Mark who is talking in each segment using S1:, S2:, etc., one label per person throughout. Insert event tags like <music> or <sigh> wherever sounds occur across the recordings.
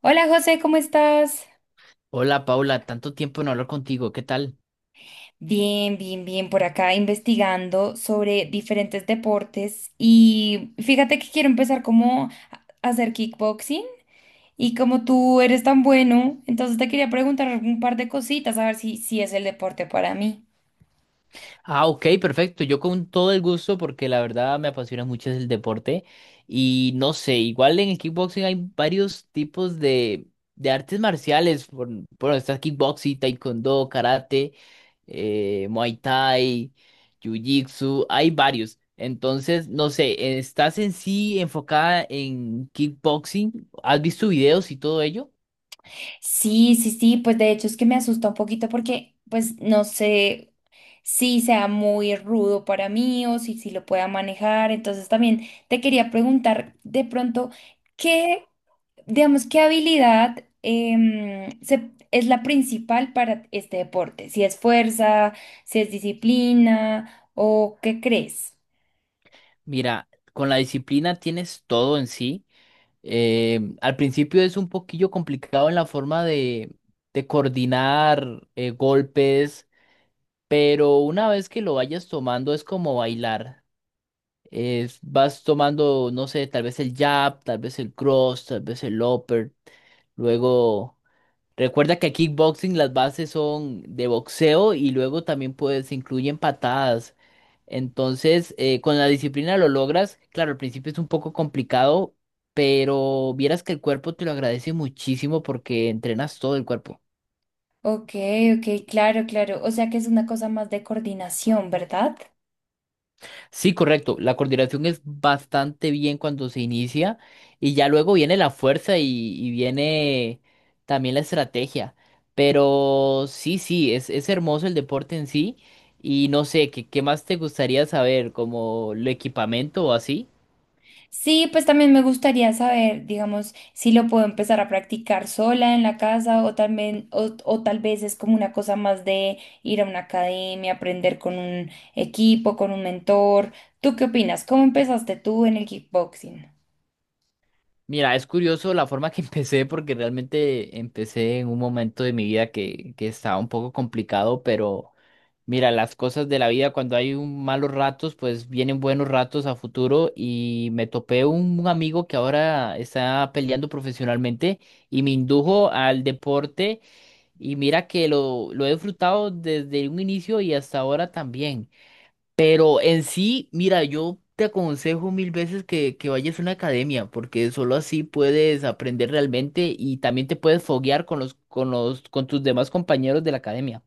S1: Hola José, ¿cómo estás?
S2: Hola Paula, tanto tiempo no hablar contigo, ¿qué tal?
S1: Bien, bien, bien, por acá investigando sobre diferentes deportes y fíjate que quiero empezar como a hacer kickboxing y como tú eres tan bueno, entonces te quería preguntar un par de cositas a ver si es el deporte para mí.
S2: Ah, ok, perfecto, yo con todo el gusto porque la verdad me apasiona mucho el deporte y no sé, igual en el kickboxing hay varios tipos de artes marciales, bueno, está kickboxing, taekwondo, karate, muay thai, jiu-jitsu, hay varios. Entonces, no sé, ¿estás en sí enfocada en kickboxing? ¿Has visto videos y todo ello?
S1: Sí, sí, sí, pues de hecho es que me asusta un poquito porque pues no sé si sea muy rudo para mí o si lo pueda manejar. Entonces también te quería preguntar de pronto, ¿qué, digamos, qué habilidad es la principal para este deporte? ¿Si es fuerza, si es disciplina o qué crees?
S2: Mira, con la disciplina tienes todo en sí. Al principio es un poquillo complicado en la forma de coordinar golpes, pero una vez que lo vayas tomando es como bailar. Vas tomando, no sé, tal vez el jab, tal vez el cross, tal vez el upper, luego. Recuerda que kickboxing las bases son de boxeo y luego también puedes se incluyen patadas. Entonces, con la disciplina lo logras. Claro, al principio es un poco complicado, pero vieras que el cuerpo te lo agradece muchísimo porque entrenas todo el cuerpo.
S1: Ok, ok, claro, claro. O sea que es una cosa más de coordinación, ¿verdad?
S2: Sí, correcto. La coordinación es bastante bien cuando se inicia y ya luego viene la fuerza y viene también la estrategia. Pero sí, sí, es hermoso el deporte en sí y no sé, ¿qué más te gustaría saber? ¿Como el equipamiento o así?
S1: Sí, pues también me gustaría saber, digamos, si lo puedo empezar a practicar sola en la casa o también, o tal vez es como una cosa más de ir a una academia, aprender con un equipo, con un mentor. ¿Tú qué opinas? ¿Cómo empezaste tú en el kickboxing?
S2: Mira, es curioso la forma que <laughs> empecé porque realmente empecé en un momento de mi vida que estaba un poco complicado, pero. Mira, las cosas de la vida, cuando hay un malos ratos, pues vienen buenos ratos a futuro y me topé un amigo que ahora está peleando profesionalmente y me indujo al deporte y mira que lo he disfrutado desde un inicio y hasta ahora también. Pero en sí, mira, yo te aconsejo mil veces que vayas a una academia porque solo así puedes aprender realmente y también te puedes foguear con tus demás compañeros de la academia.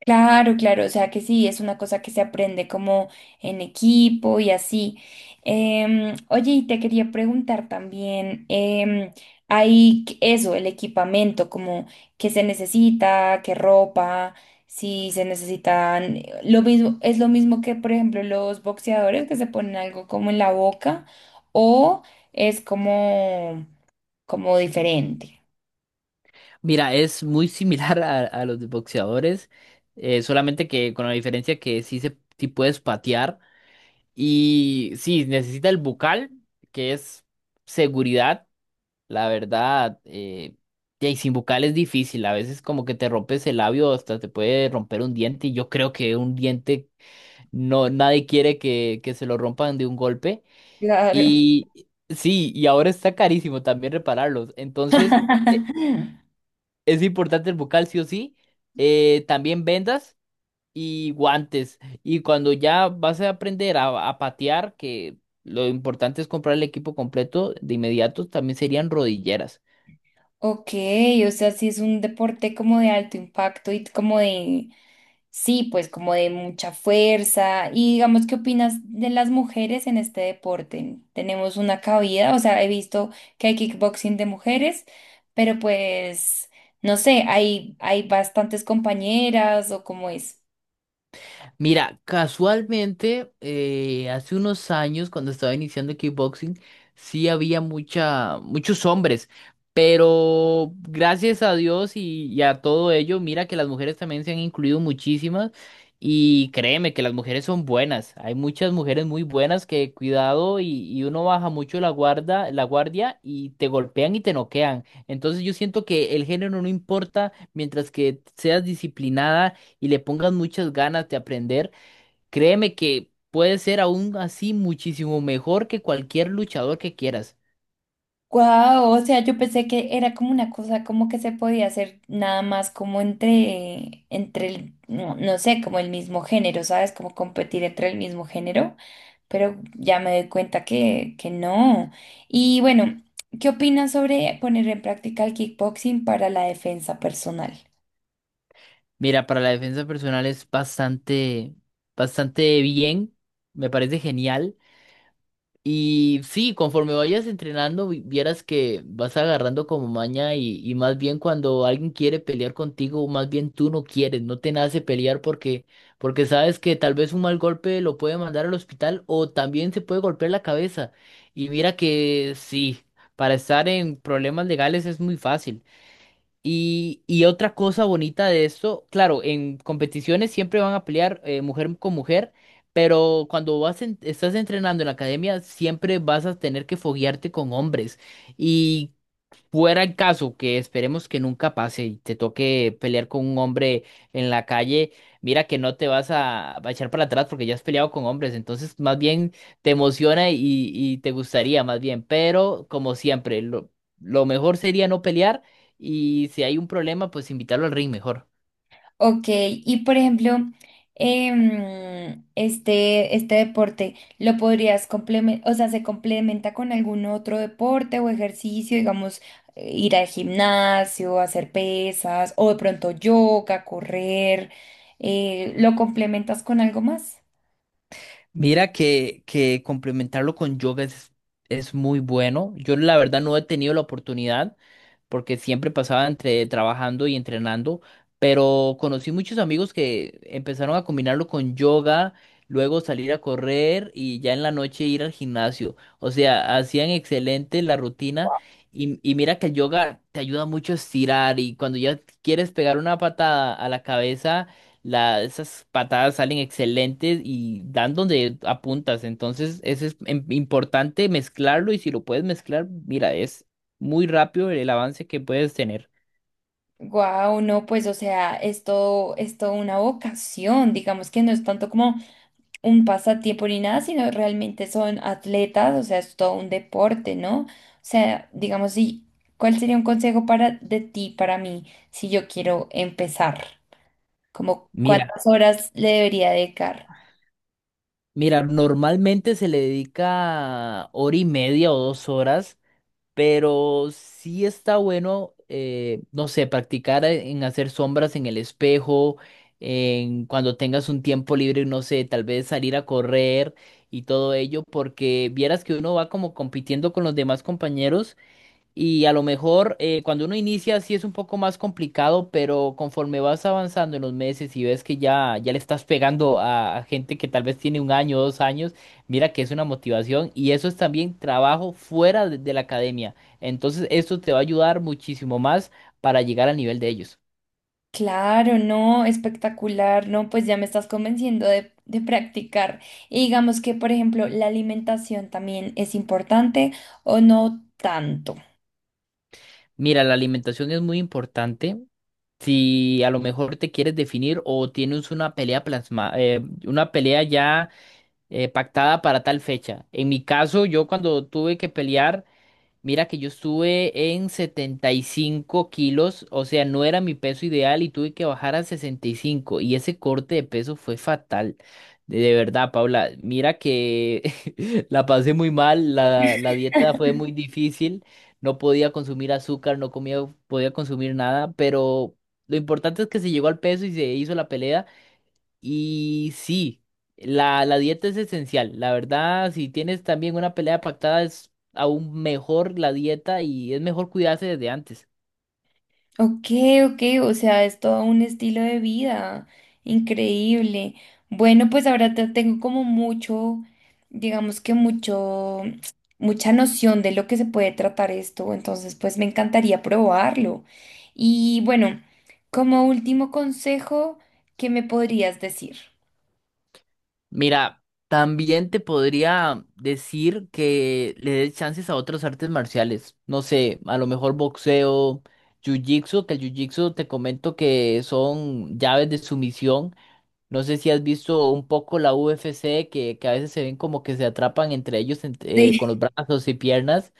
S1: Claro, claro, o sea que sí, es una cosa que se aprende como en equipo y así. Oye, y te quería preguntar también, hay eso, el equipamiento, como qué se necesita, qué ropa, si se necesitan, lo mismo, es lo mismo que, por ejemplo, los boxeadores que se ponen algo como en la boca o es como, como diferente.
S2: Mira, es muy similar <laughs> a los de boxeadores, solamente que con la diferencia que sí puedes patear y sí, necesita el bucal, que es seguridad. La verdad, y sin bucal es difícil, a veces como que te rompes el labio, hasta te puede romper un diente y yo creo que un diente, no, nadie quiere que se lo rompan de un golpe.
S1: Claro.
S2: Y sí, y ahora está carísimo también repararlos. Entonces.
S1: <laughs>
S2: Es importante el bucal, sí o sí. También vendas y guantes. Y cuando ya vas a aprender a patear, que lo importante es comprar el equipo completo de inmediato, también serían rodilleras.
S1: Ok, o sea, sí es un deporte como de alto impacto y como de, sí, pues como de mucha fuerza. Y digamos, ¿qué opinas de las mujeres en este deporte? ¿Tenemos una cabida? O sea, he visto que hay kickboxing de mujeres, pero pues, no sé, hay bastantes compañeras o cómo es.
S2: Mira, casualmente, hace unos años, cuando estaba iniciando kickboxing, sí había muchos hombres, pero gracias a Dios y a todo ello, mira que las mujeres también se han incluido muchísimas y créeme que las mujeres son buenas. Hay muchas mujeres muy buenas que cuidado y uno baja mucho la guardia y te golpean y te noquean. Entonces yo siento que el género no importa mientras que seas disciplinada y le pongas muchas ganas de aprender, créeme que puede ser aún así muchísimo mejor que cualquier luchador que quieras.
S1: Wow, o sea, yo pensé que era como una cosa como que se podía hacer nada más como entre, entre el, no, no sé, como el mismo género, ¿sabes? Como competir entre el mismo género, pero ya me doy cuenta que no. Y bueno, ¿qué opinas sobre poner en práctica el kickboxing para la defensa personal?
S2: Mira, para la defensa personal es bastante, bastante bien, me parece genial. Y sí, conforme vayas entrenando, vieras que vas agarrando como maña y más bien cuando alguien quiere pelear contigo, más bien tú no quieres, no te nace pelear porque sabes que tal vez un mal golpe lo puede mandar al hospital o también se puede golpear la cabeza. Y mira que sí, para estar en problemas legales es muy fácil. Y otra cosa bonita de esto, claro, en competiciones siempre van a pelear mujer con mujer, pero cuando vas estás entrenando en la academia siempre vas a tener que foguearte con hombres. Y fuera el caso que esperemos que nunca pase y te toque pelear con un hombre en la calle, mira que no te vas a echar para atrás porque ya has peleado con hombres, entonces más bien te emociona y te gustaría más bien, pero como siempre, lo mejor sería no pelear y si hay un problema, pues invitarlo al ring mejor.
S1: Ok, y por ejemplo, este, este deporte, ¿lo podrías complementar, o sea, se complementa con algún otro deporte o ejercicio, digamos, ir al gimnasio, hacer pesas, o de pronto yoga, correr, lo complementas con algo más?
S2: Mira que complementarlo con yoga es muy bueno, yo la verdad no he tenido la oportunidad. Porque siempre pasaba entre trabajando y entrenando, pero conocí muchos amigos que empezaron a combinarlo con yoga, luego salir a correr y ya en la noche ir al gimnasio. O sea, hacían excelente la rutina y mira que el yoga te ayuda mucho a estirar y cuando ya quieres pegar una patada a la cabeza, esas patadas salen excelentes y dan donde apuntas. Entonces, eso es importante mezclarlo y si lo puedes mezclar, mira, es muy rápido el avance que puedes tener.
S1: Guau, no, pues, o sea, es todo una vocación, digamos que no es tanto como un pasatiempo ni nada, sino realmente son atletas, o sea, es todo un deporte, ¿no? O sea, digamos, si, ¿cuál sería un consejo para de ti, para mí, si yo quiero empezar? Como
S2: Mira,
S1: cuántas horas le debería dedicar?
S2: mira, normalmente se le dedica hora y media o 2 horas, pero sí está bueno, no sé, practicar en hacer sombras en el espejo, en cuando tengas un tiempo libre, no sé, tal vez salir a correr y todo ello, porque vieras que uno va como compitiendo con los demás compañeros. Y a lo mejor cuando uno inicia sí es un poco más complicado, pero conforme vas avanzando en los meses y ves que ya le estás pegando a gente que tal vez tiene un año, 2 años, mira que es una motivación y eso es también trabajo fuera de la academia. Entonces esto te va a ayudar muchísimo más para llegar al nivel de ellos.
S1: Claro, no, espectacular, no, pues ya me estás convenciendo de practicar. Y digamos que, por ejemplo, la alimentación también es importante o no tanto.
S2: Mira, la alimentación es muy importante. Si a lo mejor te quieres definir o tienes una pelea plasma, una pelea ya pactada para tal fecha. En mi caso, yo cuando tuve que pelear, mira que yo estuve en 75 kilos, o sea, no era mi peso ideal y tuve que bajar a 65 y cinco y ese corte de peso fue fatal. De verdad, Paula, mira que <laughs> la pasé muy mal, la dieta fue muy difícil, no podía consumir azúcar, no comía, podía consumir nada, pero lo importante es que se llegó al peso y se hizo la pelea. Y sí, la dieta es esencial. La verdad, si tienes también una pelea pactada, es aún mejor la dieta y es mejor cuidarse desde antes.
S1: Ok, ok, o sea, es todo un estilo de vida increíble. Bueno, pues ahora tengo como mucho, digamos que mucho, mucha noción de lo que se puede tratar esto, entonces pues me encantaría probarlo. Y bueno, como último consejo, ¿qué me podrías decir?
S2: Mira, también te podría decir que le des chances a otras artes marciales. No sé, a lo mejor boxeo, jiu-jitsu, que el jiu-jitsu te comento que son llaves de sumisión. No sé si has visto un poco la UFC, que a veces se ven como que se atrapan entre ellos con los
S1: <laughs>
S2: brazos y piernas.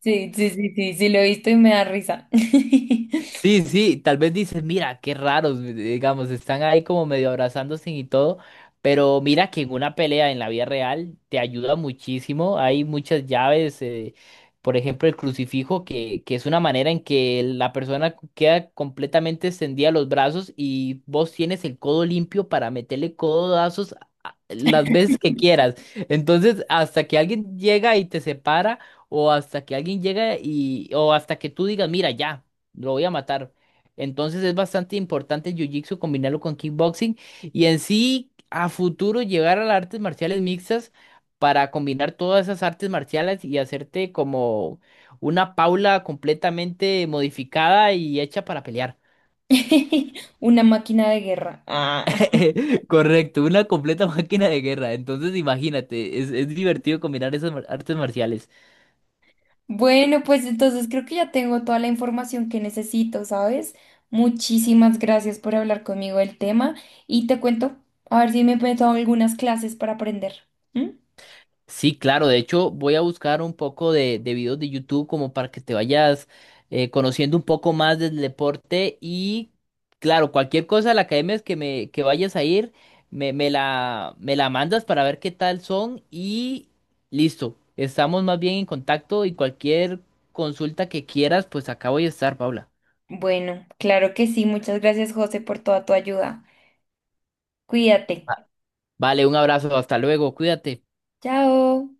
S1: Sí, sí, sí, sí, sí, sí, lo he visto y me da risa. <laughs>
S2: Sí, sí, tal vez dices, mira, qué raros, digamos, están ahí como medio abrazándose y todo, pero mira que en una pelea en la vida real te ayuda muchísimo, hay muchas llaves, por ejemplo, el crucifijo, que es una manera en que la persona queda completamente extendida los brazos y vos tienes el codo limpio para meterle codazos las veces que quieras. Entonces, hasta que alguien llega y te separa, o hasta que alguien llega o hasta que tú digas, mira, ya lo voy a matar. Entonces es bastante importante el jiu-jitsu combinarlo con kickboxing y en sí a futuro llegar a las artes marciales mixtas para combinar todas esas artes marciales y hacerte como una Paula completamente modificada y hecha para pelear.
S1: <laughs> Una máquina de guerra. Ah. <laughs>
S2: <laughs> Correcto, una completa máquina de guerra. Entonces imagínate, es divertido combinar esas artes marciales.
S1: Bueno, pues entonces creo que ya tengo toda la información que necesito, ¿sabes? Muchísimas gracias por hablar conmigo del tema y te cuento, a ver si me he metido algunas clases para aprender. ¿M?
S2: Sí, claro. De hecho, voy a buscar un poco de videos de YouTube como para que te vayas conociendo un poco más del deporte. Y claro, cualquier cosa de la academia es que me que vayas a ir, me la mandas para ver qué tal son. Y listo. Estamos más bien en contacto y cualquier consulta que quieras, pues acá voy a estar, Paula.
S1: Bueno, claro que sí. Muchas gracias, José, por toda tu ayuda. Cuídate.
S2: Va- Vale, un abrazo, hasta luego, cuídate.
S1: Chao.